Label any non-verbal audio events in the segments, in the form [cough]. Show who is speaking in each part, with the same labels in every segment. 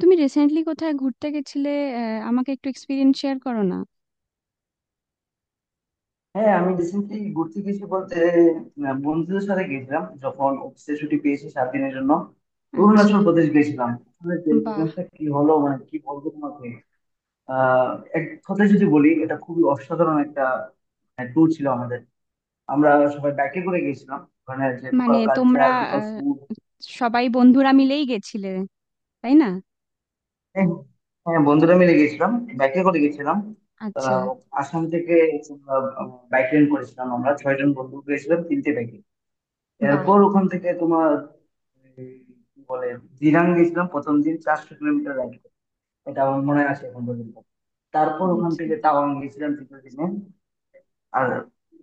Speaker 1: তুমি রিসেন্টলি কোথায় ঘুরতে গেছিলে? আহ, আমাকে একটু এক্সপিরিয়েন্স শেয়ার করো না।
Speaker 2: হ্যাঁ, আমি রিসেন্টলি ঘুরতে গেছি বলতে বন্ধুদের সাথে গেছিলাম। যখন অফিসে ছুটি পেয়েছি 7 দিনের জন্য
Speaker 1: আচ্ছা।
Speaker 2: অরুণাচল প্রদেশ গেছিলাম। আসলে যে
Speaker 1: বাহ।
Speaker 2: experience টা কি হলো, মানে কি বলবো তোমাকে। আহ এক কথায় যদি বলি, এটা খুবই অসাধারণ একটা ট্যুর ছিল আমাদের। আমরা সবাই বাইকে করে গেছিলাম। ওখানে যে লোকাল
Speaker 1: মানে তোমরা
Speaker 2: কালচার, লোকাল
Speaker 1: আহ,
Speaker 2: ফুড।
Speaker 1: সবাই বন্ধুরা মিলেই গেছিলে, তাই না?
Speaker 2: হ্যাঁ, হ্যাঁ, বন্ধুরা মিলে গেছিলাম, বাইকে করে গেছিলাম।
Speaker 1: আচ্ছা।
Speaker 2: আহ, আসাম থেকে বাইক রেন্ট করেছিলাম। আমরা 6 জন বন্ধু গেছিলাম 3টে বাইকে।
Speaker 1: বাহ।
Speaker 2: এরপর ওখান থেকে তোমার এই, কি বলে, দিরাং গেছিলাম প্রথম দিন, 400 কিলোমিটার রাইড। এটা আমার মনে আছে এখন পর্যন্ত। তারপর ওখান
Speaker 1: আচ্ছা।
Speaker 2: থেকে তাওয়াং গেছিলাম তৃতীয় দিনে। আর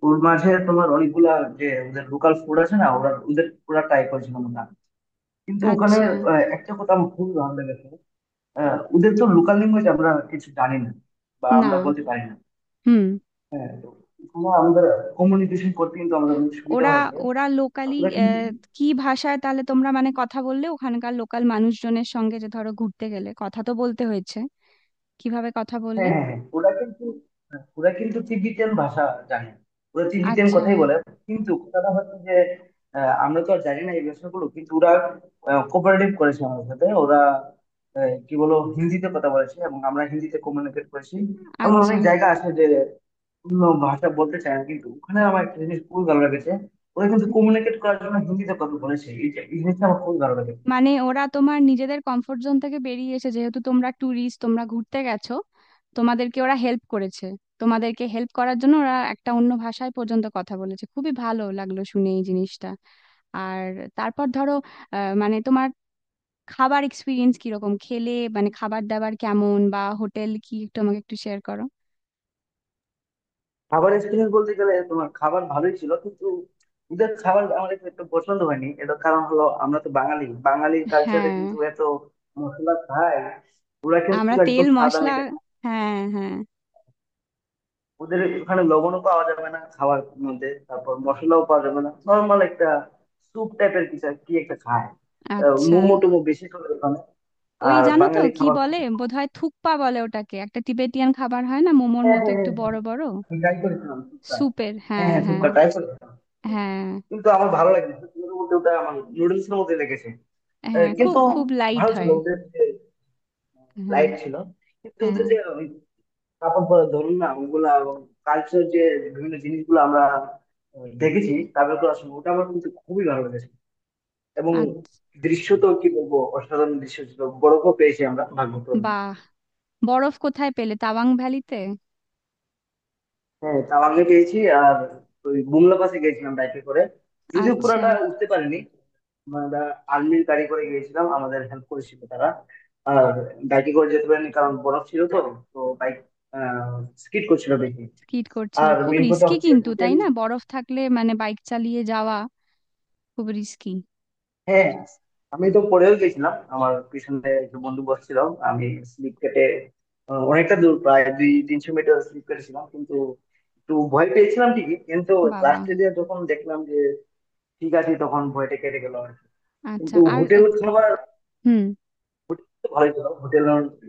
Speaker 2: ওর মাঝে তোমার অনেকগুলা, যে ওদের লোকাল ফুড আছে না, ওরা ওদের পুরা ট্রাই করেছিলাম আমরা। কিন্তু ওখানে
Speaker 1: আচ্ছা।
Speaker 2: একটা কথা আমার খুবই ভালো লেগেছে। ওদের তো লোকাল ল্যাঙ্গুয়েজ আমরা কিছু জানি না, বা
Speaker 1: না।
Speaker 2: আমরা বলতে পারি না।
Speaker 1: হুম।
Speaker 2: তো ওখানে আমাদের কমিউনিকেশন করতে কিন্তু আমাদের অনেক সুবিধা
Speaker 1: ওরা
Speaker 2: হয়েছে।
Speaker 1: ওরা লোকালি
Speaker 2: ওরা কিন্তু।
Speaker 1: কি ভাষায় তাহলে তোমরা মানে কথা বললে ওখানকার লোকাল মানুষজনের সঙ্গে? যে ধরো ঘুরতে গেলে কথা তো বলতে হয়েছে, কিভাবে কথা বললে?
Speaker 2: হ্যাঁ, হ্যাঁ, হ্যাঁ, ওরা কিন্তু। হ্যাঁ, ওরা কিন্তু তিব্বতিয়ান ভাষা জানে। ওরা তিব্বতিয়ান
Speaker 1: আচ্ছা।
Speaker 2: কথাই বলে। কিন্তু কথাটা হচ্ছে যে, আমরা তো আর জানি না এই ভাষাগুলো, কিন্তু ওরা কোঅপারেটিভ করেছে আমাদের সাথে। ওরা কি বলো, হিন্দিতে কথা বলেছে, এবং আমরা হিন্দিতে কমিউনিকেট করেছি। এমন
Speaker 1: আচ্ছা।
Speaker 2: অনেক জায়গা আছে যে অন্য ভাষা বলতে চায় না। কিন্তু ওখানে আমার একটা জিনিস খুবই ভালো লেগেছে, ওরা কিন্তু কমিউনিকেট করার জন্য হিন্দিতে কথা বলেছে। এই জিনিসটা আমার খুবই ভালো লেগেছে।
Speaker 1: মানে ওরা তোমার নিজেদের কমফোর্ট জোন থেকে বেরিয়ে এসে, যেহেতু তোমরা ট্যুরিস্ট, তোমরা ঘুরতে গেছো, তোমাদেরকে ওরা হেল্প করেছে। তোমাদেরকে হেল্প করার জন্য ওরা একটা অন্য ভাষায় পর্যন্ত কথা বলেছে, খুবই ভালো লাগলো শুনে এই জিনিসটা। আর তারপর ধরো মানে তোমার খাবার এক্সপিরিয়েন্স কিরকম, খেলে মানে খাবার দাবার কেমন বা হোটেল, কি একটু আমাকে একটু শেয়ার করো।
Speaker 2: খাবার এক্সপিরিয়েন্স বলতে গেলে তোমার খাবার ভালোই ছিল, কিন্তু ওদের খাবার আমার একটু একটু পছন্দ হয়নি। এটার কারণ হলো, আমরা তো বাঙালি, বাঙালি কালচারে
Speaker 1: হ্যাঁ।
Speaker 2: কিন্তু এত মশলা খায়। ওরা
Speaker 1: আমরা
Speaker 2: কিন্তু
Speaker 1: তেল
Speaker 2: একদম সাদা
Speaker 1: মশলা।
Speaker 2: মিটে খায়।
Speaker 1: হ্যাঁ হ্যাঁ।
Speaker 2: ওদের ওখানে লবণও পাওয়া যাবে না খাওয়ার মধ্যে, তারপর মশলাও পাওয়া যাবে না। নর্মাল একটা স্যুপ টাইপের কিছু কি একটা খায়।
Speaker 1: আচ্ছা।
Speaker 2: মোমো টোমো বেশি করে ওখানে।
Speaker 1: ওই
Speaker 2: আর
Speaker 1: জানো তো
Speaker 2: বাঙালি
Speaker 1: কি
Speaker 2: খাবার
Speaker 1: বলে,
Speaker 2: খুবই।
Speaker 1: বোধহয় থুকপা বলে ওটাকে, একটা তিবেতিয়ান খাবার হয় না মোমোর
Speaker 2: হ্যাঁ,
Speaker 1: মতো,
Speaker 2: হ্যাঁ, হ্যাঁ,
Speaker 1: একটু
Speaker 2: হ্যাঁ।
Speaker 1: বড় বড়।
Speaker 2: আমি ট্রাই করেছিলাম শুক্তা।
Speaker 1: স্যুপের,
Speaker 2: হ্যাঁ,
Speaker 1: হ্যাঁ
Speaker 2: হ্যাঁ,
Speaker 1: হ্যাঁ।
Speaker 2: শুক্তা ট্রাই করেছিলাম,
Speaker 1: হ্যাঁ
Speaker 2: কিন্তু আমার ভালো লাগে না, সত্যি কথা বলতে ওটা আমার নুডলস এর মধ্যে লেগেছে।
Speaker 1: হ্যাঁ। খুব
Speaker 2: কিন্তু
Speaker 1: খুব লাইট
Speaker 2: ভালো ছিল
Speaker 1: হয়।
Speaker 2: ওদের যে,
Speaker 1: হ্যাঁ
Speaker 2: লাইট ছিল। কিন্তু
Speaker 1: হ্যাঁ।
Speaker 2: ওদের যে ওই কাপড় পরা, ধরুন না, ওগুলা কালচার, যে বিভিন্ন জিনিসগুলো আমরা দেখেছি তাদের, তো আসলে ওটা আমার কিন্তু খুবই ভালো লেগেছে। এবং
Speaker 1: আর।
Speaker 2: দৃশ্য, তো কি বলবো, অসাধারণ দৃশ্য ছিল। গৌরবও পেয়েছি আমরা ভাগ্যক্রমে।
Speaker 1: বাহ। বরফ কোথায় পেলে? তাওয়াং ভ্যালিতে, হুম।
Speaker 2: হ্যাঁ, তাওয়াংয়ে গিয়েছি। আর ওই বুমলা পাসে গিয়েছিলাম বাইকে করে, যদিও
Speaker 1: আচ্ছা।
Speaker 2: পুরোটা উঠতে পারিনি। মানে আমরা আর্মির গাড়ি করে গিয়েছিলাম, আমাদের হেল্প করেছিল তারা। আর বাইকে করে যেতে পারিনি কারণ বরফ ছিল, তো তো বাইক স্কিড করছিল দেখি।
Speaker 1: স্কিড করছিল,
Speaker 2: আর
Speaker 1: খুব
Speaker 2: মেন কথা
Speaker 1: রিস্কি
Speaker 2: হচ্ছে
Speaker 1: কিন্তু, তাই
Speaker 2: হোটেল।
Speaker 1: না? বরফ থাকলে মানে বাইক চালিয়ে যাওয়া খুব রিস্কি।
Speaker 2: হ্যাঁ, আমি তো পড়েও গেছিলাম। আমার পিছনে একটা বন্ধু বসছিল। আমি স্লিপ কেটে অনেকটা দূর, প্রায় 200-300 মিটার স্লিপ কেটেছিলাম, কিন্তু একটু ভয় পেয়েছিলাম ঠিকই। কিন্তু
Speaker 1: বাবা।
Speaker 2: লাস্টে দিয়ে যখন দেখলাম যে ঠিক আছে, তখন ভয়টা কেটে গেল আর কি।
Speaker 1: আচ্ছা।
Speaker 2: কিন্তু
Speaker 1: আর
Speaker 2: হোটেল খাবার
Speaker 1: হুম।
Speaker 2: তো ভালোই ছিল। হোটেল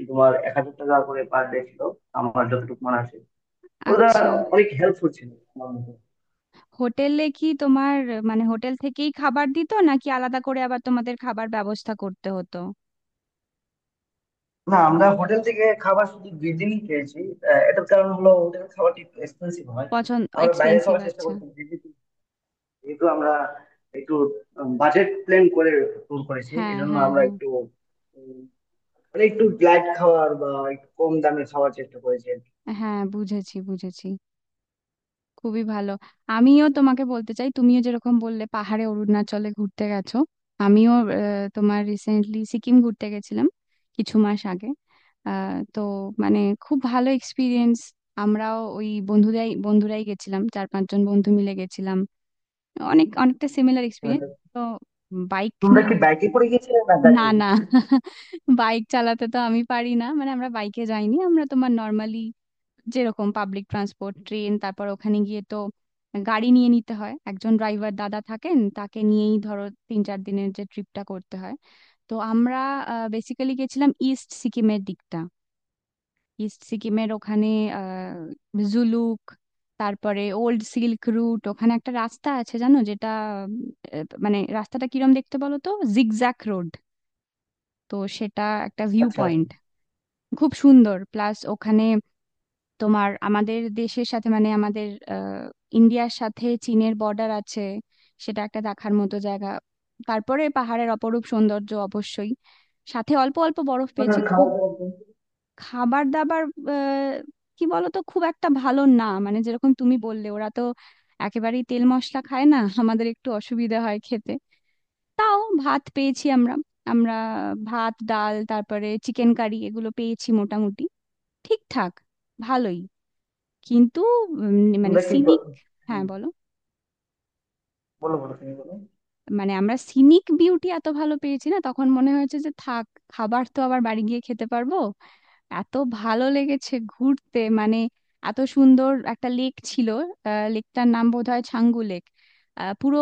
Speaker 2: তোমার 1000 টাকা করে পার ডে ছিল, আমার যতটুকু মনে আছে। ওরা
Speaker 1: আচ্ছা।
Speaker 2: অনেক হেল্পফুল ছিল আমার মতে।
Speaker 1: হোটেলে কি তোমার মানে হোটেল থেকেই খাবার দিত, নাকি আলাদা করে আবার তোমাদের খাবার ব্যবস্থা করতে হতো?
Speaker 2: না, আমরা হোটেল থেকে খাবার শুধু 2 দিনই খেয়েছি। এটার কারণ হলো হোটেল খাবারটি একটু এক্সপেন্সিভ হয়।
Speaker 1: পছন্দ
Speaker 2: আমরা বাইরে
Speaker 1: এক্সপেন্সিভ,
Speaker 2: খাওয়ার চেষ্টা
Speaker 1: আচ্ছা।
Speaker 2: করছি, যেহেতু যেহেতু আমরা একটু বাজেট প্ল্যান করে ট্যুর করেছি।
Speaker 1: হ্যাঁ
Speaker 2: এই জন্য
Speaker 1: হ্যাঁ
Speaker 2: আমরা
Speaker 1: হ্যাঁ।
Speaker 2: একটু, উম, মানে একটু লাইট খাওয়ার বা একটু কম দামে খাওয়ার চেষ্টা করেছি আর কি।
Speaker 1: হ্যাঁ বুঝেছি, বুঝেছি। খুবই ভালো। আমিও তোমাকে বলতে চাই, তুমিও যেরকম বললে পাহাড়ে অরুণাচলে ঘুরতে গেছো, আমিও তোমার রিসেন্টলি সিকিম ঘুরতে গেছিলাম কিছু মাস আগে। তো মানে খুব ভালো এক্সপিরিয়েন্স। আমরাও ওই বন্ধুরাই বন্ধুরাই গেছিলাম, চার পাঁচজন বন্ধু মিলে গেছিলাম। অনেক অনেকটা সিমিলার এক্সপিরিয়েন্স। তো বাইক
Speaker 2: তোমরা
Speaker 1: নিয়ে।
Speaker 2: কি বাইকে করে গিয়েছিলে, না গাড়ি?
Speaker 1: না না, বাইক চালাতে তো আমি পারি না, মানে আমরা বাইকে যাইনি। আমরা তোমার নর্মালি যেরকম পাবলিক ট্রান্সপোর্ট, ট্রেন, তারপর ওখানে গিয়ে তো গাড়ি নিয়ে নিতে হয়, একজন ড্রাইভার দাদা থাকেন তাকে নিয়েই ধরো তিন চার দিনের যে ট্রিপটা করতে হয়। তো আমরা বেসিক্যালি গেছিলাম ইস্ট সিকিমের দিকটা। ইস্ট সিকিমের ওখানে আহ জুলুক, তারপরে ওল্ড সিল্ক রুট। ওখানে একটা রাস্তা আছে, জানো যেটা, মানে রাস্তাটা কিরম দেখতে বলো তো, জিগজ্যাক রোড। তো সেটা একটা ভিউ
Speaker 2: আচ্ছা,
Speaker 1: পয়েন্ট, খুব সুন্দর। প্লাস ওখানে তোমার আমাদের দেশের সাথে, মানে আমাদের আহ, ইন্ডিয়ার সাথে চীনের বর্ডার আছে, সেটা একটা দেখার মতো জায়গা। তারপরে পাহাড়ের অপরূপ সৌন্দর্য অবশ্যই, সাথে অল্প অল্প বরফ
Speaker 2: মানে
Speaker 1: পেয়েছি
Speaker 2: খাওয়া
Speaker 1: খুব।
Speaker 2: দাওয়া বলতে।
Speaker 1: খাবার দাবার আহ, কি বলতো খুব একটা ভালো না, মানে যেরকম তুমি বললে ওরা তো একেবারেই তেল মশলা খায় না [laughs] আমাদের একটু অসুবিধা হয় খেতে। তাও ভাত পেয়েছি আমরা। আমরা ভাত ডাল তারপরে চিকেন কারি এগুলো পেয়েছি মোটামুটি ঠিকঠাক, ভালোই। কিন্তু মানে
Speaker 2: তোমরা কি
Speaker 1: সিনিক। হ্যাঁ
Speaker 2: হ্যাঁ,
Speaker 1: বলো।
Speaker 2: বলো বলো, তুমি বলো।
Speaker 1: মানে আমরা সিনিক বিউটি এত ভালো পেয়েছি না, তখন মনে হয়েছে যে থাক, খাবার তো আবার বাড়ি গিয়ে খেতে পারবো, এত ভালো লেগেছে ঘুরতে। মানে এত সুন্দর একটা লেক ছিল, লেকটার নাম বোধহয় ছাঙ্গু লেক, পুরো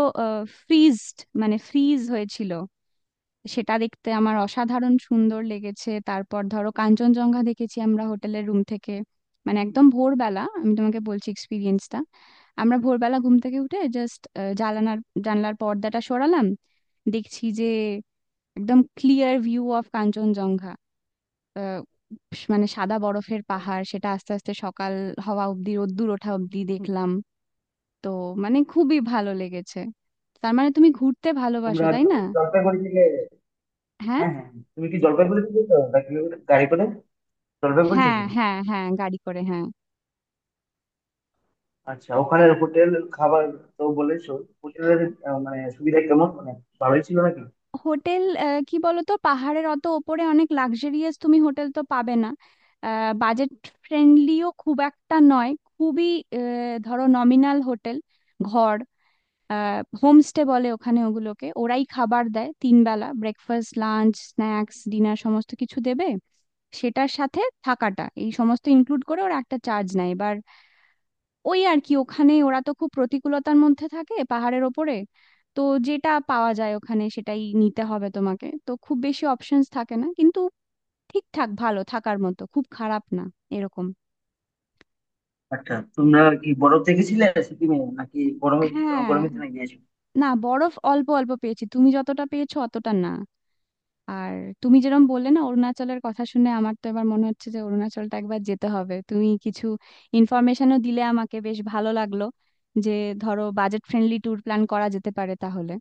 Speaker 1: ফ্রিজড, মানে ফ্রিজ হয়েছিল। সেটা দেখতে আমার অসাধারণ সুন্দর লেগেছে। তারপর ধরো কাঞ্চনজঙ্ঘা দেখেছি আমরা হোটেলের রুম থেকে, মানে একদম ভোরবেলা আমি তোমাকে বলছি এক্সপিরিয়েন্সটা। আমরা ভোরবেলা ঘুম থেকে উঠে জাস্ট জানালার জানলার পর্দাটা সরালাম, দেখছি যে একদম ক্লিয়ার ভিউ অফ কাঞ্চনজঙ্ঘা, আহ, মানে সাদা বরফের পাহাড়। সেটা আস্তে আস্তে সকাল হওয়া অব্দি, রোদ্দুর ওঠা অব্দি দেখলাম। তো মানে খুবই ভালো লেগেছে। তার মানে তুমি ঘুরতে ভালোবাসো,
Speaker 2: তোমরা
Speaker 1: তাই না?
Speaker 2: জলপাইগুড়ি থেকে?
Speaker 1: হ্যাঁ
Speaker 2: হ্যাঁ, হ্যাঁ, তুমি কি জলপাইগুড়ি থেকে গেছো নাকি, গাড়ি করে জলপাইগুড়ি
Speaker 1: হ্যাঁ
Speaker 2: থেকে?
Speaker 1: হ্যাঁ। হ্যাঁ গাড়ি করে, হ্যাঁ।
Speaker 2: আচ্ছা, ওখানে হোটেল খাবার তো বলেছো, হোটেলের মানে সুবিধা কেমন, মানে ভালোই ছিল নাকি?
Speaker 1: হোটেল কি বলতো, পাহাড়ের অত ওপরে অনেক লাক্সারিয়াস তুমি হোটেল তো পাবে না। বাজেট ফ্রেন্ডলিও খুব একটা নয়, খুবই ধরো নমিনাল হোটেল, ঘর। হোমস্টে বলে ওখানে ওগুলোকে, ওরাই খাবার দেয় তিন বেলা, ব্রেকফাস্ট, লাঞ্চ, স্ন্যাক্স, ডিনার সমস্ত কিছু দেবে। সেটার সাথে থাকাটা, এই সমস্ত ইনক্লুড করে ওরা একটা চার্জ নেয়। এবার ওই আর কি, ওখানে ওরা তো খুব প্রতিকূলতার মধ্যে থাকে পাহাড়ের ওপরে। তো যেটা পাওয়া যায় ওখানে সেটাই নিতে হবে, তোমাকে তো খুব বেশি অপশনস থাকে না, কিন্তু ঠিকঠাক ভালো থাকার মতো, খুব খারাপ না এরকম।
Speaker 2: আচ্ছা, তোমরা কি বরফ দেখেছিলে সিকিমে, নাকি গরমে,
Speaker 1: হ্যাঁ।
Speaker 2: গরমের দিনে গিয়েছো?
Speaker 1: না বরফ অল্প অল্প পেয়েছি, তুমি যতটা পেয়েছো অতটা না। আর তুমি যেরকম বললে না অরুণাচলের কথা শুনে, আমার তো এবার মনে হচ্ছে যে অরুণাচলটা একবার যেতে হবে, তুমি কিছু ইনফরমেশনও দিলে আমাকে, বেশ ভালো লাগলো। যে ধরো বাজেট ফ্রেন্ডলি ট্যুর প্ল্যান করা যেতে পারে তাহলে।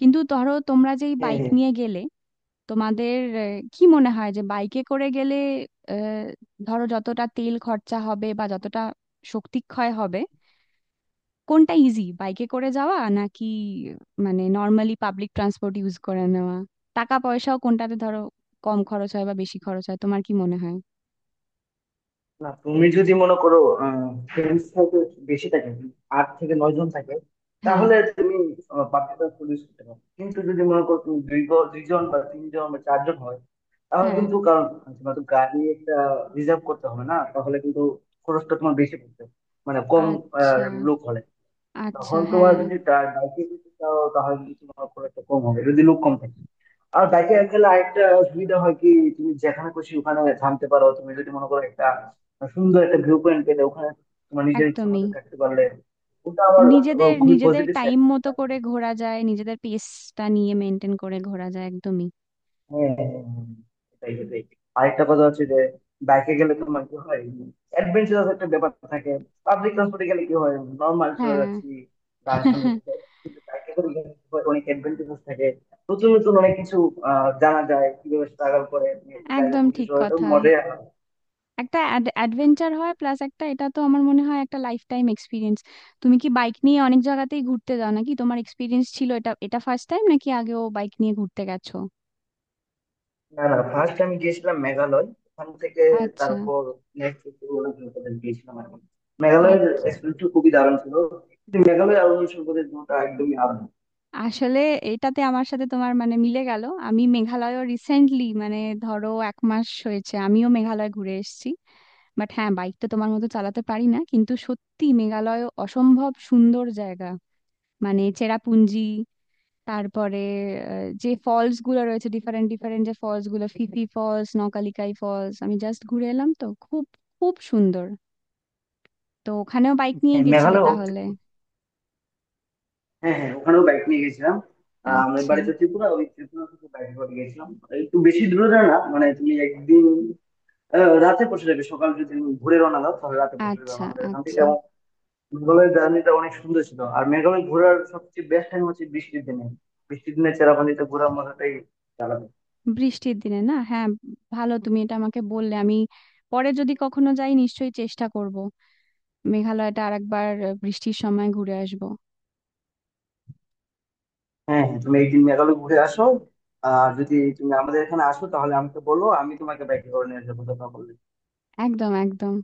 Speaker 1: কিন্তু ধরো তোমরা যেই
Speaker 2: হ্যাঁ,
Speaker 1: বাইক
Speaker 2: হ্যাঁ।
Speaker 1: নিয়ে গেলে, তোমাদের কি মনে হয় যে বাইকে করে গেলে আহ, ধরো যতটা তেল খরচা হবে, বা যতটা শক্তি ক্ষয় হবে, কোনটা ইজি, বাইকে করে যাওয়া নাকি মানে নর্মালি পাবলিক ট্রান্সপোর্ট ইউজ করে নেওয়া? টাকা পয়সাও কোনটাতে ধরো কম খরচ হয় বা বেশি খরচ হয়, তোমার কি মনে হয়?
Speaker 2: না, তুমি যদি মনে করো ফ্রেন্ডস হয়তো বেশি থাকে, 8 থেকে 9 জন থাকে,
Speaker 1: হ্যাঁ
Speaker 2: তাহলে তুমি বাকিটা পুলিশ করতে পারো। কিন্তু যদি মনে করো তুমি 2 জন বা 3 জন বা 4 জন হয়, তাহলে
Speaker 1: হ্যাঁ।
Speaker 2: কিন্তু, কারণ তোমার তো গাড়ি একটা রিজার্ভ করতে হবে না, তাহলে কিন্তু খরচটা তোমার বেশি পড়বে, মানে কম আহ,
Speaker 1: আচ্ছা।
Speaker 2: লোক হলে,
Speaker 1: আচ্ছা।
Speaker 2: তখন তোমার
Speaker 1: হ্যাঁ।
Speaker 2: যদি বাইকে যেতে চাও তাহলে কিন্তু তোমার খরচটা কম হবে যদি লোক কম থাকে। আর ব্যাকে গেলে আরেকটা সুবিধা হয় কি, তুমি যেখানে খুশি ওখানে থামতে পারো। তুমি যদি মনে করো একটা সুন্দর একটা ভিউ পয়েন্ট পেলে ওখানে, তোমার নিজের ইচ্ছা
Speaker 1: একদমই।
Speaker 2: মতো থাকতে পারলে, ওটা আবার
Speaker 1: নিজেদের
Speaker 2: খুবই
Speaker 1: নিজেদের
Speaker 2: পজিটিভ সাইড।
Speaker 1: টাইম মতো করে ঘোরা যায়, নিজেদের পেসটা নিয়ে মেনটেন করে ঘোরা যায়, একদমই।
Speaker 2: হ্যাঁ, হ্যাঁ, হ্যাঁ, এটাই এটাই আরেকটা কথা হচ্ছে যে বাইকে গেলে তোমার কি হয়, অ্যাডভেঞ্চারাস একটা ব্যাপার থাকে। পাবলিক ট্রান্সপোর্টে গেলে কি হয়, নর্মাল চলে
Speaker 1: হ্যাঁ।
Speaker 2: যাচ্ছি, গান শুনে যাচ্ছি। কিন্তু বাইকে করে গেলে কি হয়, অনেক অ্যাডভেঞ্চারাস থাকে, নতুন নতুন অনেক কিছু জানা যায়, কিভাবে স্ট্রাগল করে তুমি একটা জায়গা
Speaker 1: একদম
Speaker 2: পৌঁছে
Speaker 1: ঠিক
Speaker 2: যাওয়া, এটা
Speaker 1: কথা।
Speaker 2: মজাই আলাদা।
Speaker 1: একটা অ্যাডভেঞ্চার হয়, প্লাস একটা এটা তো আমার মনে হয় একটা লাইফ টাইম এক্সপিরিয়েন্স। তুমি কি বাইক নিয়ে অনেক জায়গাতেই ঘুরতে যাও নাকি? তোমার এক্সপিরিয়েন্স ছিল, এটা এটা ফার্স্ট টাইম নাকি আগেও বাইক নিয়ে ঘুরতে গেছো?
Speaker 2: না, না, ফার্স্ট আমি গিয়েছিলাম মেঘালয়। ওখান থেকে
Speaker 1: আচ্ছা।
Speaker 2: তারপর নেক্সট গিয়েছিলাম আর কি।
Speaker 1: আর।
Speaker 2: মেঘালয়ের এক্সপিরিয়েন্স খুবই দারুণ ছিল, কিন্তু মেঘালয় আর অরুণাচল প্রদেশ দুটো একদমই আলাদা।
Speaker 1: আসলে এটাতে আমার সাথে তোমার মানে মিলে গেল, আমি মেঘালয়ও রিসেন্টলি, মানে ধরো এক মাস হয়েছে আমিও মেঘালয় ঘুরে এসেছি। বাট হ্যাঁ বাইক তো তোমার মতো চালাতে পারি না কিন্তু, সত্যি মেঘালয় অসম্ভব সুন্দর জায়গা। মানে চেরাপুঞ্জি, তারপরে যে ফলস গুলো রয়েছে, ডিফারেন্ট ডিফারেন্ট যে ফলস গুলো, ফিফি ফলস, নকালিকাই ফলস, আমি জাস্ট ঘুরে এলাম, তো খুব খুব সুন্দর। তো ওখানেও বাইক নিয়ে
Speaker 2: হ্যাঁ,
Speaker 1: গেছিলে তাহলে?
Speaker 2: হ্যাঁ, হ্যাঁ, ওখানেও বাইক নিয়ে গেছিলাম। আমার
Speaker 1: আচ্ছা।
Speaker 2: বাড়ি তো ত্রিপুরা, ওই ত্রিপুরা থেকে বাইক করে গেছিলাম। একটু বেশি দূরে না, না, মানে তুমি একদিন রাতে পৌঁছে যাবে। সকাল যদি তুমি ঘুরে রওনা দাও, তাহলে রাতে পৌঁছে যাবে
Speaker 1: আচ্ছা।
Speaker 2: আমাদের এখান থেকে।
Speaker 1: আচ্ছা।
Speaker 2: এবং মেঘালয়ের জার্নিটা অনেক সুন্দর ছিল। আর মেঘালয় ঘোরার সবচেয়ে বেস্ট টাইম হচ্ছে বৃষ্টির দিনে। বৃষ্টির দিনে চেরাপুঞ্জিতে ঘোরার মজাটাই আলাদা।
Speaker 1: বৃষ্টির দিনে, না হ্যাঁ। ভালো, তুমি এটা আমাকে বললে, আমি পরে যদি কখনো যাই নিশ্চয়ই চেষ্টা করব, মেঘালয়টা আরেকবার বৃষ্টির সময় ঘুরে আসবো।
Speaker 2: হ্যাঁ, হ্যাঁ, তুমি একদিন মেঘালয় ঘুরে আসো। আর যদি তুমি আমাদের এখানে আসো তাহলে আমাকে বলো, আমি তোমাকে বাইকে করে নিয়ে যাবো দেখা করলে।
Speaker 1: একদম একদম।